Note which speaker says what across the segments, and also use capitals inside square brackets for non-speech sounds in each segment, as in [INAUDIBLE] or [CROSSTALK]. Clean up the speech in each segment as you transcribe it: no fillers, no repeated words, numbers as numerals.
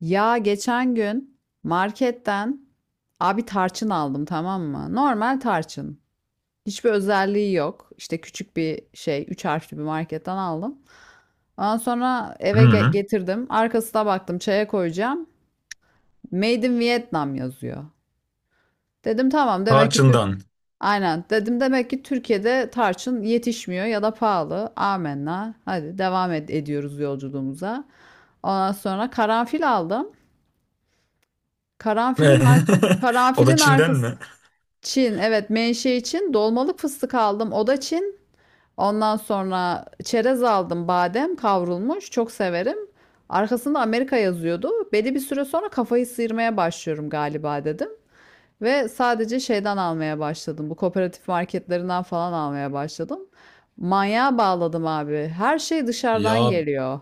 Speaker 1: Ya geçen gün marketten abi tarçın aldım, tamam mı? Normal tarçın. Hiçbir özelliği yok. İşte küçük bir şey, 3 harfli bir marketten aldım. Ondan sonra
Speaker 2: Hı
Speaker 1: eve
Speaker 2: hı.
Speaker 1: getirdim. Arkasına baktım, çaya koyacağım. Made in Vietnam yazıyor. Dedim tamam, demek ki Türk.
Speaker 2: Tarçın'dan.
Speaker 1: Aynen dedim, demek ki Türkiye'de tarçın yetişmiyor ya da pahalı. Amenna. Hadi devam ediyoruz yolculuğumuza. Ondan sonra karanfil aldım. Karanfilin ar
Speaker 2: [LAUGHS] O da
Speaker 1: Karanfilin
Speaker 2: Çin'den
Speaker 1: arkası
Speaker 2: mi?
Speaker 1: Çin. Evet, menşe Çin. Dolmalık fıstık aldım. O da Çin. Ondan sonra çerez aldım. Badem kavrulmuş. Çok severim. Arkasında Amerika yazıyordu. Belli bir süre sonra kafayı sıyırmaya başlıyorum galiba dedim. Ve sadece şeyden almaya başladım. Bu kooperatif marketlerinden falan almaya başladım. Manyağa bağladım abi. Her şey dışarıdan
Speaker 2: Ya
Speaker 1: geliyor.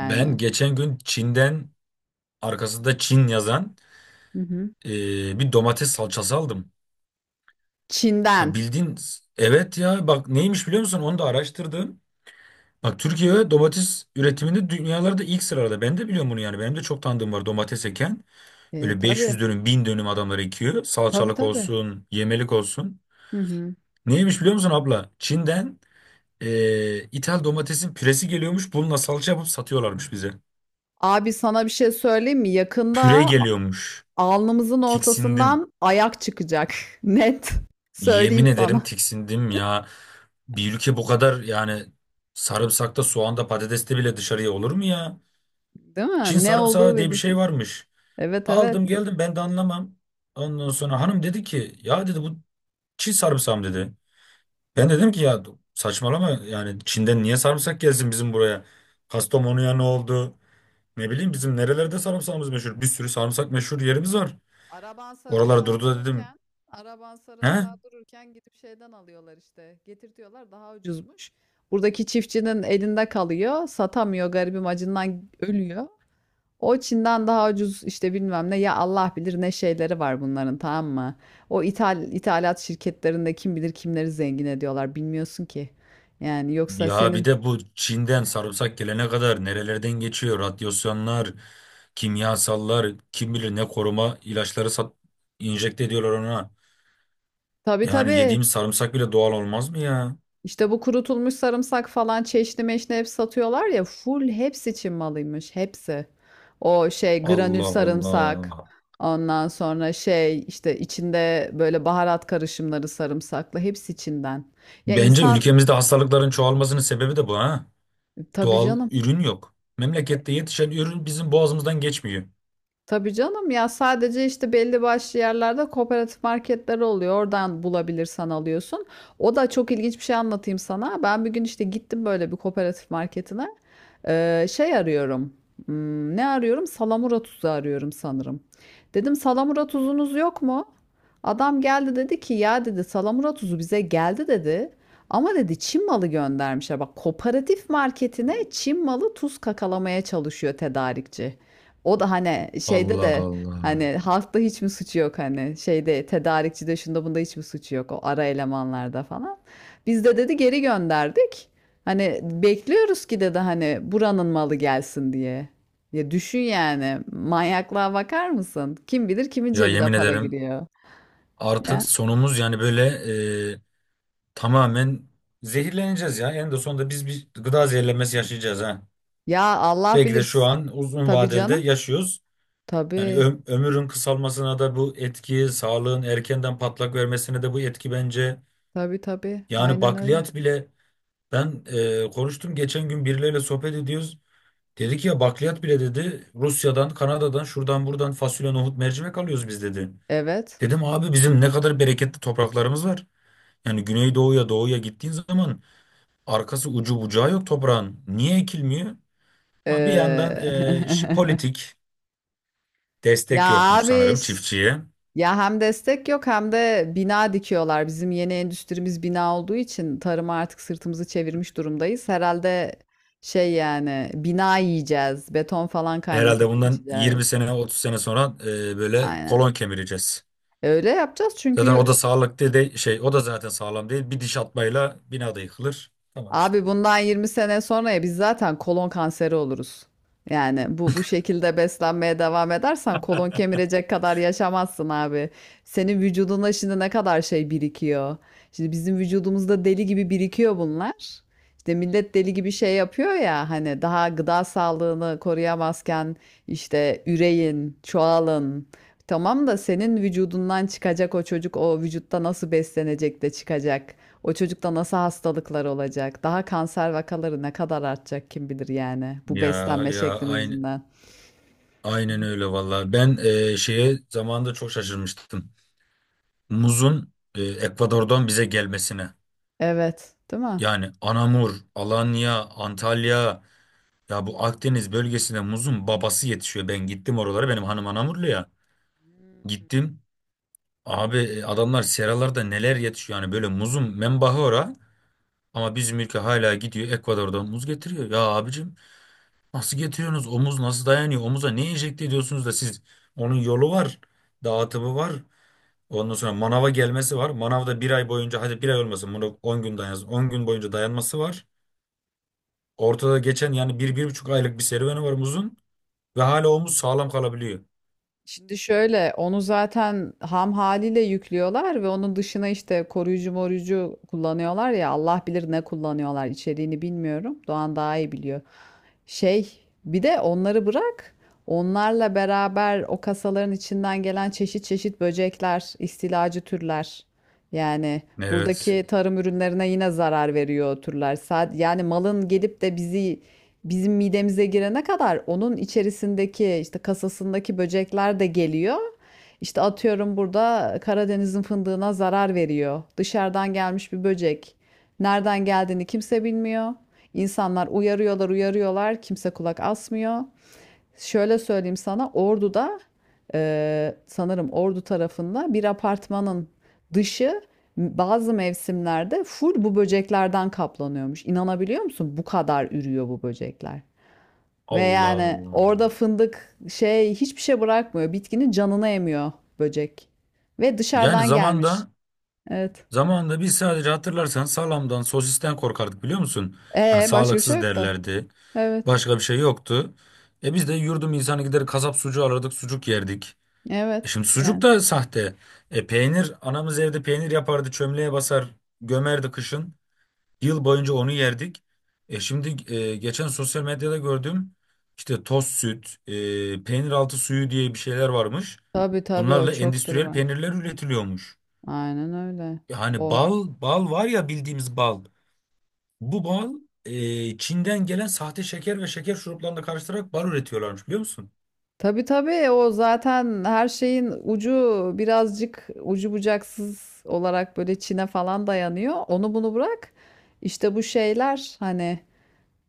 Speaker 2: ben geçen gün Çin'den arkasında Çin yazan
Speaker 1: Hı hı.
Speaker 2: e, bir domates salçası aldım. Ya
Speaker 1: Çin'den.
Speaker 2: bildiğin evet ya bak neymiş biliyor musun? Onu da araştırdım. Bak Türkiye domates üretiminde dünyalarda ilk sırada. Ben de biliyorum bunu yani. Benim de çok tanıdığım var domates eken. Öyle
Speaker 1: Tabii.
Speaker 2: 500 dönüm, 1000 dönüm adamlar ekiyor.
Speaker 1: Tabii
Speaker 2: Salçalık
Speaker 1: tabii.
Speaker 2: olsun, yemelik olsun.
Speaker 1: Hı hı.
Speaker 2: Neymiş biliyor musun abla? Çin'den, İthal domatesin püresi geliyormuş. Bununla salça yapıp satıyorlarmış bize.
Speaker 1: Abi sana bir şey söyleyeyim mi?
Speaker 2: Püre
Speaker 1: Yakında
Speaker 2: geliyormuş.
Speaker 1: alnımızın
Speaker 2: Tiksindim.
Speaker 1: ortasından ayak çıkacak. [LAUGHS] Net. Söyleyeyim
Speaker 2: Yemin ederim
Speaker 1: sana.
Speaker 2: tiksindim ya. Bir ülke bu kadar yani sarımsakta, soğanda, patateste bile dışarıya olur mu ya?
Speaker 1: Değil
Speaker 2: Çin
Speaker 1: mi? Ne olduğu
Speaker 2: sarımsağı diye bir şey
Speaker 1: belirsiz.
Speaker 2: varmış.
Speaker 1: Evet
Speaker 2: Aldım
Speaker 1: evet.
Speaker 2: geldim ben de anlamam. Ondan sonra hanım dedi ki ya dedi bu Çin sarımsağı mı dedi. Ben dedim ki ya saçmalama yani Çin'den niye sarımsak gelsin bizim buraya? Kastamonu'ya ne oldu? Ne bileyim bizim nerelerde sarımsağımız meşhur. Bir sürü sarımsak meşhur yerimiz var.
Speaker 1: Araban
Speaker 2: Oralara
Speaker 1: sarımsağa
Speaker 2: durdu da dedim.
Speaker 1: dururken, araban
Speaker 2: He?
Speaker 1: sarımsağa dururken gidip şeyden alıyorlar işte. Getirtiyorlar, daha ucuzmuş. Buradaki çiftçinin elinde kalıyor. Satamıyor garibim, acından ölüyor. O Çin'den daha ucuz işte, bilmem ne ya, Allah bilir ne şeyleri var bunların, tamam mı? O ithal, ithalat şirketlerinde kim bilir kimleri zengin ediyorlar, bilmiyorsun ki. Yani yoksa
Speaker 2: Ya bir
Speaker 1: senin,
Speaker 2: de bu Çin'den sarımsak gelene kadar nerelerden geçiyor? Radyasyonlar, kimyasallar, kim bilir ne koruma ilaçları sat, enjekte ediyorlar ona.
Speaker 1: tabii
Speaker 2: Yani
Speaker 1: tabii,
Speaker 2: yediğimiz sarımsak bile doğal olmaz mı ya?
Speaker 1: işte bu kurutulmuş sarımsak falan, çeşni meşni hep satıyorlar ya, full hepsi Çin malıymış, hepsi. O şey granül
Speaker 2: Allah
Speaker 1: sarımsak,
Speaker 2: Allah.
Speaker 1: ondan sonra şey işte içinde böyle baharat karışımları sarımsaklı, hepsi Çin'den. Ya
Speaker 2: Bence
Speaker 1: insan,
Speaker 2: ülkemizde hastalıkların çoğalmasının sebebi de bu ha.
Speaker 1: tabii
Speaker 2: Doğal
Speaker 1: canım.
Speaker 2: ürün yok. Memlekette yetişen ürün bizim boğazımızdan geçmiyor.
Speaker 1: Tabii canım, ya sadece işte belli başlı yerlerde kooperatif marketler oluyor. Oradan bulabilirsen alıyorsun. O da çok ilginç, bir şey anlatayım sana. Ben bir gün işte gittim böyle bir kooperatif marketine. Şey arıyorum. Ne arıyorum? Salamura tuzu arıyorum sanırım. Dedim, salamura tuzunuz yok mu? Adam geldi, dedi ki ya dedi, salamura tuzu bize geldi dedi. Ama dedi, Çin malı göndermişler. Bak, kooperatif marketine Çin malı tuz kakalamaya çalışıyor tedarikçi. O da hani şeyde
Speaker 2: Allah
Speaker 1: de,
Speaker 2: Allah.
Speaker 1: hani halkta hiç mi suçu yok, hani şeyde tedarikçide şunda bunda hiç mi suçu yok, o ara elemanlarda falan. Biz de dedi geri gönderdik. Hani bekliyoruz ki dedi, hani buranın malı gelsin diye. Ya düşün yani, manyaklığa bakar mısın? Kim bilir kimin
Speaker 2: Ya
Speaker 1: cebine
Speaker 2: yemin
Speaker 1: para
Speaker 2: ederim.
Speaker 1: giriyor
Speaker 2: Artık
Speaker 1: ya.
Speaker 2: sonumuz yani böyle, e, tamamen zehirleneceğiz ya. En de sonunda biz bir gıda zehirlenmesi yaşayacağız ha.
Speaker 1: Ya Allah
Speaker 2: Belki
Speaker 1: bilir.
Speaker 2: de şu an uzun
Speaker 1: Tabii
Speaker 2: vadelde
Speaker 1: canım.
Speaker 2: yaşıyoruz. Yani
Speaker 1: Tabii.
Speaker 2: ömrün kısalmasına da bu etki, sağlığın erkenden patlak vermesine de bu etki bence.
Speaker 1: Tabii tabii.
Speaker 2: Yani
Speaker 1: Aynen öyle.
Speaker 2: bakliyat bile ben konuştum geçen gün birileriyle sohbet ediyoruz. Dedi ki ya bakliyat bile dedi Rusya'dan, Kanada'dan, şuradan buradan fasulye, nohut, mercimek alıyoruz biz dedi.
Speaker 1: Evet.
Speaker 2: Dedim abi bizim ne kadar bereketli topraklarımız var. Yani güneydoğuya doğuya gittiğin zaman arkası ucu bucağı yok toprağın. Niye ekilmiyor? Ama bir yandan
Speaker 1: Ee,
Speaker 2: politik
Speaker 1: [LAUGHS] ya
Speaker 2: destek yokmuş
Speaker 1: abi.
Speaker 2: sanırım çiftçiye.
Speaker 1: Ya hem destek yok, hem de bina dikiyorlar. Bizim yeni endüstrimiz bina olduğu için tarıma artık sırtımızı çevirmiş durumdayız. Herhalde şey, yani bina yiyeceğiz. Beton falan
Speaker 2: Herhalde
Speaker 1: kaynatıp
Speaker 2: bundan
Speaker 1: içeceğiz.
Speaker 2: 20 sene 30 sene sonra böyle
Speaker 1: Aynen.
Speaker 2: kolon kemireceğiz.
Speaker 1: Öyle yapacağız çünkü
Speaker 2: Zaten o da sağlıklı değil şey o da zaten sağlam değil. Bir diş atmayla bina da yıkılır. Tamam işte.
Speaker 1: abi bundan 20 sene sonraya biz zaten kolon kanseri oluruz. Yani bu şekilde beslenmeye devam edersen kolon
Speaker 2: [LAUGHS]
Speaker 1: kemirecek kadar yaşamazsın abi. Senin vücuduna şimdi ne kadar şey birikiyor. Şimdi bizim vücudumuzda deli gibi birikiyor bunlar. İşte millet deli gibi şey yapıyor ya, hani daha gıda sağlığını koruyamazken işte üreyin, çoğalın. Tamam da senin vücudundan çıkacak o çocuk o vücutta nasıl beslenecek de çıkacak. O çocukta nasıl hastalıklar olacak? Daha kanser vakaları ne kadar artacak kim bilir, yani bu
Speaker 2: Ya
Speaker 1: beslenme
Speaker 2: ya
Speaker 1: şeklimiz
Speaker 2: aynı
Speaker 1: yüzünden.
Speaker 2: aynen öyle vallahi. Ben şeye zamanında çok şaşırmıştım. Muzun Ekvador'dan bize gelmesine.
Speaker 1: Evet, değil mi?
Speaker 2: Yani Anamur, Alanya, Antalya, ya bu Akdeniz bölgesine muzun babası yetişiyor. Ben gittim oralara, benim hanım Anamurlu ya. Gittim. Abi adamlar seralarda neler yetişiyor, yani böyle muzun menbahı ora. Ama bizim ülke hala gidiyor Ekvador'dan muz getiriyor. Ya abicim nasıl getiriyorsunuz? O muz nasıl dayanıyor? Omuza ne enjekte ediyorsunuz da siz? Onun yolu var. Dağıtımı var. Ondan sonra manava gelmesi var. Manavda bir ay boyunca, hadi bir ay olmasın, bunu 10 gün dayansın. 10 gün boyunca dayanması var. Ortada geçen yani bir, bir buçuk aylık bir serüveni var muzun ve hala omuz sağlam kalabiliyor.
Speaker 1: Şimdi şöyle, onu zaten ham haliyle yüklüyorlar ve onun dışına işte koruyucu moruyucu kullanıyorlar ya, Allah bilir ne kullanıyorlar, içeriğini bilmiyorum. Doğan daha iyi biliyor. Şey, bir de onları bırak, onlarla beraber o kasaların içinden gelen çeşit çeşit böcekler, istilacı türler. Yani
Speaker 2: Evet.
Speaker 1: buradaki tarım ürünlerine yine zarar veriyor o türler. Yani malın gelip de bizim midemize girene kadar onun içerisindeki işte kasasındaki böcekler de geliyor. İşte atıyorum, burada Karadeniz'in fındığına zarar veriyor. Dışarıdan gelmiş bir böcek. Nereden geldiğini kimse bilmiyor. İnsanlar uyarıyorlar, uyarıyorlar. Kimse kulak asmıyor. Şöyle söyleyeyim sana, Ordu'da, sanırım Ordu tarafında bir apartmanın dışı bazı mevsimlerde full bu böceklerden kaplanıyormuş. İnanabiliyor musun? Bu kadar ürüyor bu böcekler. Ve
Speaker 2: Allah
Speaker 1: yani
Speaker 2: Allah.
Speaker 1: orada fındık şey, hiçbir şey bırakmıyor. Bitkinin canını emiyor böcek. Ve
Speaker 2: Yani
Speaker 1: dışarıdan gelmiş.
Speaker 2: zamanda
Speaker 1: Evet.
Speaker 2: zamanda biz sadece hatırlarsan salamdan, sosisten korkardık biliyor musun? Hani
Speaker 1: Başka bir şey
Speaker 2: sağlıksız
Speaker 1: yok da.
Speaker 2: derlerdi.
Speaker 1: Evet.
Speaker 2: Başka bir şey yoktu. E biz de yurdum insanı gider kasap sucuğu alırdık, sucuk yerdik. E
Speaker 1: Evet.
Speaker 2: şimdi sucuk
Speaker 1: Yani
Speaker 2: da sahte. E peynir, anamız evde peynir yapardı, çömleğe basar, gömerdi kışın. Yıl boyunca onu yerdik. E şimdi geçen sosyal medyada gördüm. İşte toz süt, peynir altı suyu diye bir şeyler varmış.
Speaker 1: tabii tabii o
Speaker 2: Bunlarla
Speaker 1: çoktur
Speaker 2: endüstriyel
Speaker 1: var.
Speaker 2: peynirler üretiliyormuş.
Speaker 1: Aynen öyle.
Speaker 2: Yani
Speaker 1: O.
Speaker 2: bal, bal var ya bildiğimiz bal. Bu bal Çin'den gelen sahte şeker ve şeker şuruplarını karıştırarak bal üretiyorlarmış biliyor musun?
Speaker 1: Tabii tabii, o zaten her şeyin ucu birazcık ucu bucaksız olarak böyle Çin'e falan dayanıyor. Onu bunu bırak. İşte bu şeyler hani,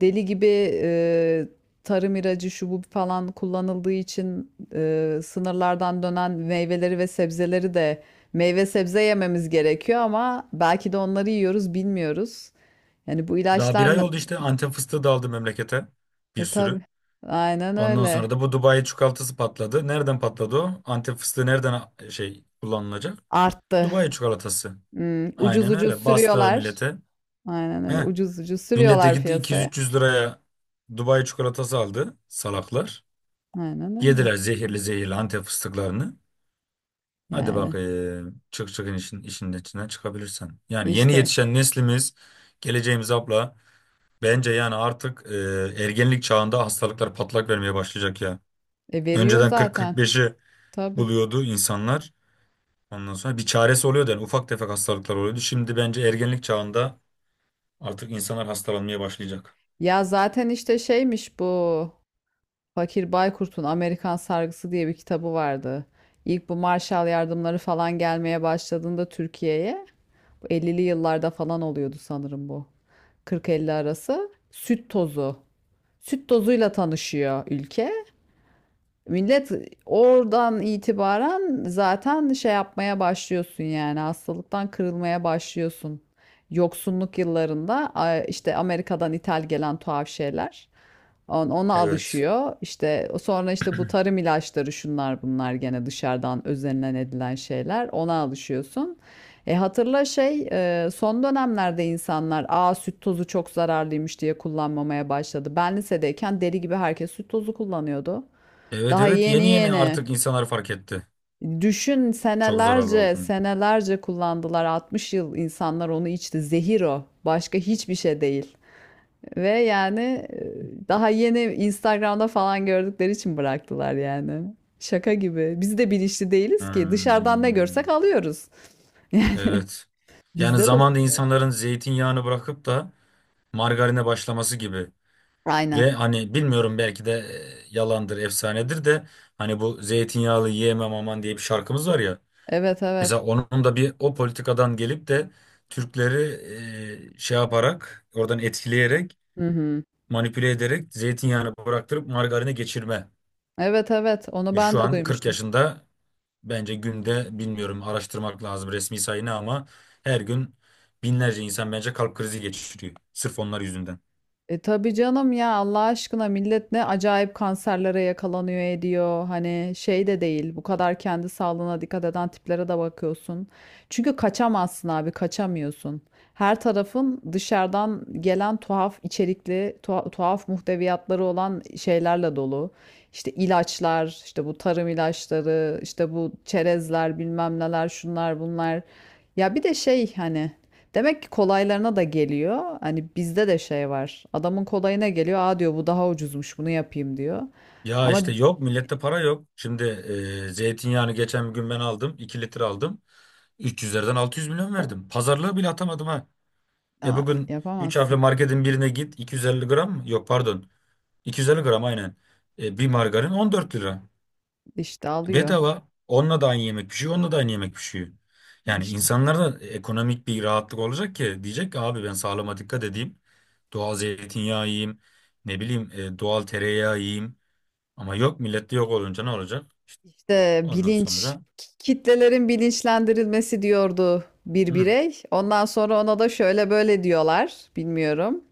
Speaker 1: deli gibi e, tarım ilacı şu bu falan kullanıldığı için sınırlardan dönen meyveleri ve sebzeleri de, meyve sebze yememiz gerekiyor ama belki de onları yiyoruz bilmiyoruz. Yani bu
Speaker 2: Daha bir
Speaker 1: ilaçlar
Speaker 2: ay oldu işte, Antep fıstığı da aldı memlekete. Bir
Speaker 1: tabii,
Speaker 2: sürü.
Speaker 1: aynen
Speaker 2: Ondan
Speaker 1: öyle,
Speaker 2: sonra da bu Dubai çikolatası patladı. Nereden patladı o? Antep fıstığı nereden şey kullanılacak?
Speaker 1: arttı.
Speaker 2: Dubai çikolatası.
Speaker 1: Ucuz
Speaker 2: Aynen
Speaker 1: ucuz
Speaker 2: öyle. Bastılar
Speaker 1: sürüyorlar.
Speaker 2: millete.
Speaker 1: Aynen öyle,
Speaker 2: Heh.
Speaker 1: ucuz ucuz
Speaker 2: Millet de
Speaker 1: sürüyorlar
Speaker 2: gitti
Speaker 1: piyasaya.
Speaker 2: 200-300 liraya Dubai çikolatası aldı salaklar.
Speaker 1: Aynen öyle.
Speaker 2: Yediler zehirli zehirli Antep fıstıklarını. Hadi bak,
Speaker 1: Yani
Speaker 2: çıkın işin içinden çıkabilirsen. Yani yeni
Speaker 1: işte
Speaker 2: yetişen neslimiz, geleceğimiz abla. Bence yani artık ergenlik çağında hastalıklar patlak vermeye başlayacak ya.
Speaker 1: veriyor
Speaker 2: Önceden
Speaker 1: zaten,
Speaker 2: 40-45'i
Speaker 1: tabii.
Speaker 2: buluyordu insanlar. Ondan sonra bir çaresi oluyordu yani, ufak tefek hastalıklar oluyordu. Şimdi bence ergenlik çağında artık insanlar hastalanmaya başlayacak.
Speaker 1: Ya zaten işte şeymiş bu, Fakir Baykurt'un Amerikan Sargısı diye bir kitabı vardı. İlk bu Marshall yardımları falan gelmeye başladığında Türkiye'ye, bu 50'li yıllarda falan oluyordu sanırım bu. 40-50 arası süt tozu. Süt tozuyla tanışıyor ülke. Millet oradan itibaren zaten şey yapmaya başlıyorsun yani, hastalıktan kırılmaya başlıyorsun. Yoksunluk yıllarında işte Amerika'dan ithal gelen tuhaf şeyler. Ona
Speaker 2: Evet.
Speaker 1: alışıyor. İşte sonra işte bu tarım ilaçları, şunlar bunlar, gene dışarıdan özenilen edilen şeyler. Ona alışıyorsun. Hatırla şey, son dönemlerde insanlar, aa süt tozu çok zararlıymış diye kullanmamaya başladı. Ben lisedeyken deli gibi herkes süt tozu kullanıyordu.
Speaker 2: Evet,
Speaker 1: Daha
Speaker 2: evet,
Speaker 1: yeni
Speaker 2: yeni yeni
Speaker 1: yeni.
Speaker 2: artık insanlar fark etti.
Speaker 1: Düşün,
Speaker 2: Çok zararlı
Speaker 1: senelerce
Speaker 2: olduğunu.
Speaker 1: senelerce kullandılar. 60 yıl insanlar onu içti. Zehir o. Başka hiçbir şey değil. Ve yani daha yeni Instagram'da falan gördükleri için bıraktılar yani. Şaka gibi. Biz de bilinçli değiliz ki. Dışarıdan ne
Speaker 2: Hmm.
Speaker 1: görsek alıyoruz.
Speaker 2: Evet. Yani
Speaker 1: Bizde de
Speaker 2: zamanda
Speaker 1: suç.
Speaker 2: insanların zeytinyağını bırakıp da margarine başlaması gibi. Ve
Speaker 1: Aynen.
Speaker 2: hani bilmiyorum, belki de yalandır, efsanedir de, hani bu zeytinyağlı yiyemem aman diye bir şarkımız var ya.
Speaker 1: Evet
Speaker 2: Mesela
Speaker 1: evet.
Speaker 2: onun da bir o politikadan gelip de Türkleri şey yaparak, oradan etkileyerek,
Speaker 1: Hı hı.
Speaker 2: manipüle ederek zeytinyağını bıraktırıp margarine geçirme.
Speaker 1: Evet evet. Onu
Speaker 2: Ve
Speaker 1: ben
Speaker 2: şu
Speaker 1: de
Speaker 2: an 40
Speaker 1: duymuştum.
Speaker 2: yaşında. Bence günde, bilmiyorum araştırmak lazım resmi sayını ama, her gün binlerce insan bence kalp krizi geçiriyor. Sırf onlar yüzünden.
Speaker 1: Tabii canım, ya Allah aşkına millet ne acayip kanserlere yakalanıyor ediyor. Hani şey de değil, bu kadar kendi sağlığına dikkat eden tiplere de bakıyorsun. Çünkü kaçamazsın abi, kaçamıyorsun. Her tarafın dışarıdan gelen tuhaf içerikli tuhaf muhteviyatları olan şeylerle dolu. İşte ilaçlar, işte bu tarım ilaçları, işte bu çerezler, bilmem neler, şunlar bunlar. Ya bir de şey, hani demek ki kolaylarına da geliyor. Hani bizde de şey var. Adamın kolayına geliyor. Aa diyor, bu daha ucuzmuş, bunu yapayım diyor.
Speaker 2: Ya işte
Speaker 1: Ama
Speaker 2: yok, millette para yok. Şimdi zeytinyağını geçen gün ben aldım. 2 litre aldım. 300'lerden 600 milyon verdim. Pazarlığı bile atamadım ha. E
Speaker 1: aa,
Speaker 2: bugün 3 harfli
Speaker 1: yapamazsın.
Speaker 2: marketin birine git, 250 gram mı? Yok pardon. 250 gram aynen. E, bir margarin 14 lira.
Speaker 1: İşte alıyor.
Speaker 2: Bedava. Onunla da aynı yemek pişiyor, onunla da aynı yemek pişiyor. Yani
Speaker 1: İşte.
Speaker 2: insanlara da ekonomik bir rahatlık olacak ki diyecek ki abi ben sağlığıma dikkat edeyim. Doğal zeytinyağı yiyeyim. Ne bileyim doğal tereyağı yiyeyim. Ama yok, millette yok olunca ne olacak?
Speaker 1: İşte
Speaker 2: Ondan
Speaker 1: bilinç.
Speaker 2: sonra
Speaker 1: Kitlelerin bilinçlendirilmesi diyordu bir
Speaker 2: hı,
Speaker 1: birey. Ondan sonra ona da şöyle böyle diyorlar. Bilmiyorum.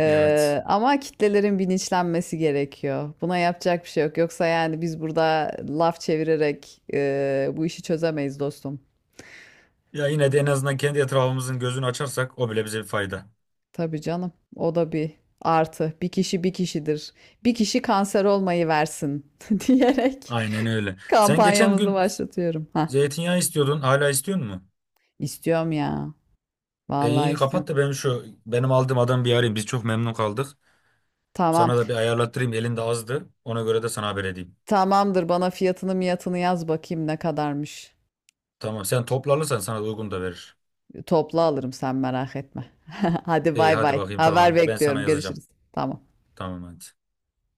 Speaker 2: evet.
Speaker 1: Ama kitlelerin bilinçlenmesi gerekiyor. Buna yapacak bir şey yok. Yoksa yani biz burada laf çevirerek bu işi çözemeyiz dostum.
Speaker 2: Ya yine de en azından kendi etrafımızın gözünü açarsak o bile bize bir fayda.
Speaker 1: Tabii canım. O da bir artı. Bir kişi bir kişidir. Bir kişi kanser olmayı versin [LAUGHS] diyerek
Speaker 2: Aynen öyle. Sen geçen
Speaker 1: kampanyamızı
Speaker 2: gün
Speaker 1: başlatıyorum. Ha,
Speaker 2: zeytinyağı istiyordun. Hala istiyor musun?
Speaker 1: istiyorum ya.
Speaker 2: E
Speaker 1: Vallahi
Speaker 2: iyi, kapat
Speaker 1: istiyorum.
Speaker 2: da ben şu benim aldığım adam bir arayayım. Biz çok memnun kaldık.
Speaker 1: Tamam.
Speaker 2: Sana da bir ayarlattırayım. Elinde azdı. Ona göre de sana haber edeyim.
Speaker 1: Tamamdır. Bana fiyatını miyatını yaz bakayım ne kadarmış.
Speaker 2: Tamam. Sen toplanırsan sana da uygun da verir.
Speaker 1: Toplu alırım, sen merak etme. [LAUGHS] Hadi
Speaker 2: İyi
Speaker 1: bay
Speaker 2: hadi
Speaker 1: bay.
Speaker 2: bakayım,
Speaker 1: Haber
Speaker 2: tamam. Ben sana
Speaker 1: bekliyorum.
Speaker 2: yazacağım.
Speaker 1: Görüşürüz. Tamam.
Speaker 2: Tamam hadi.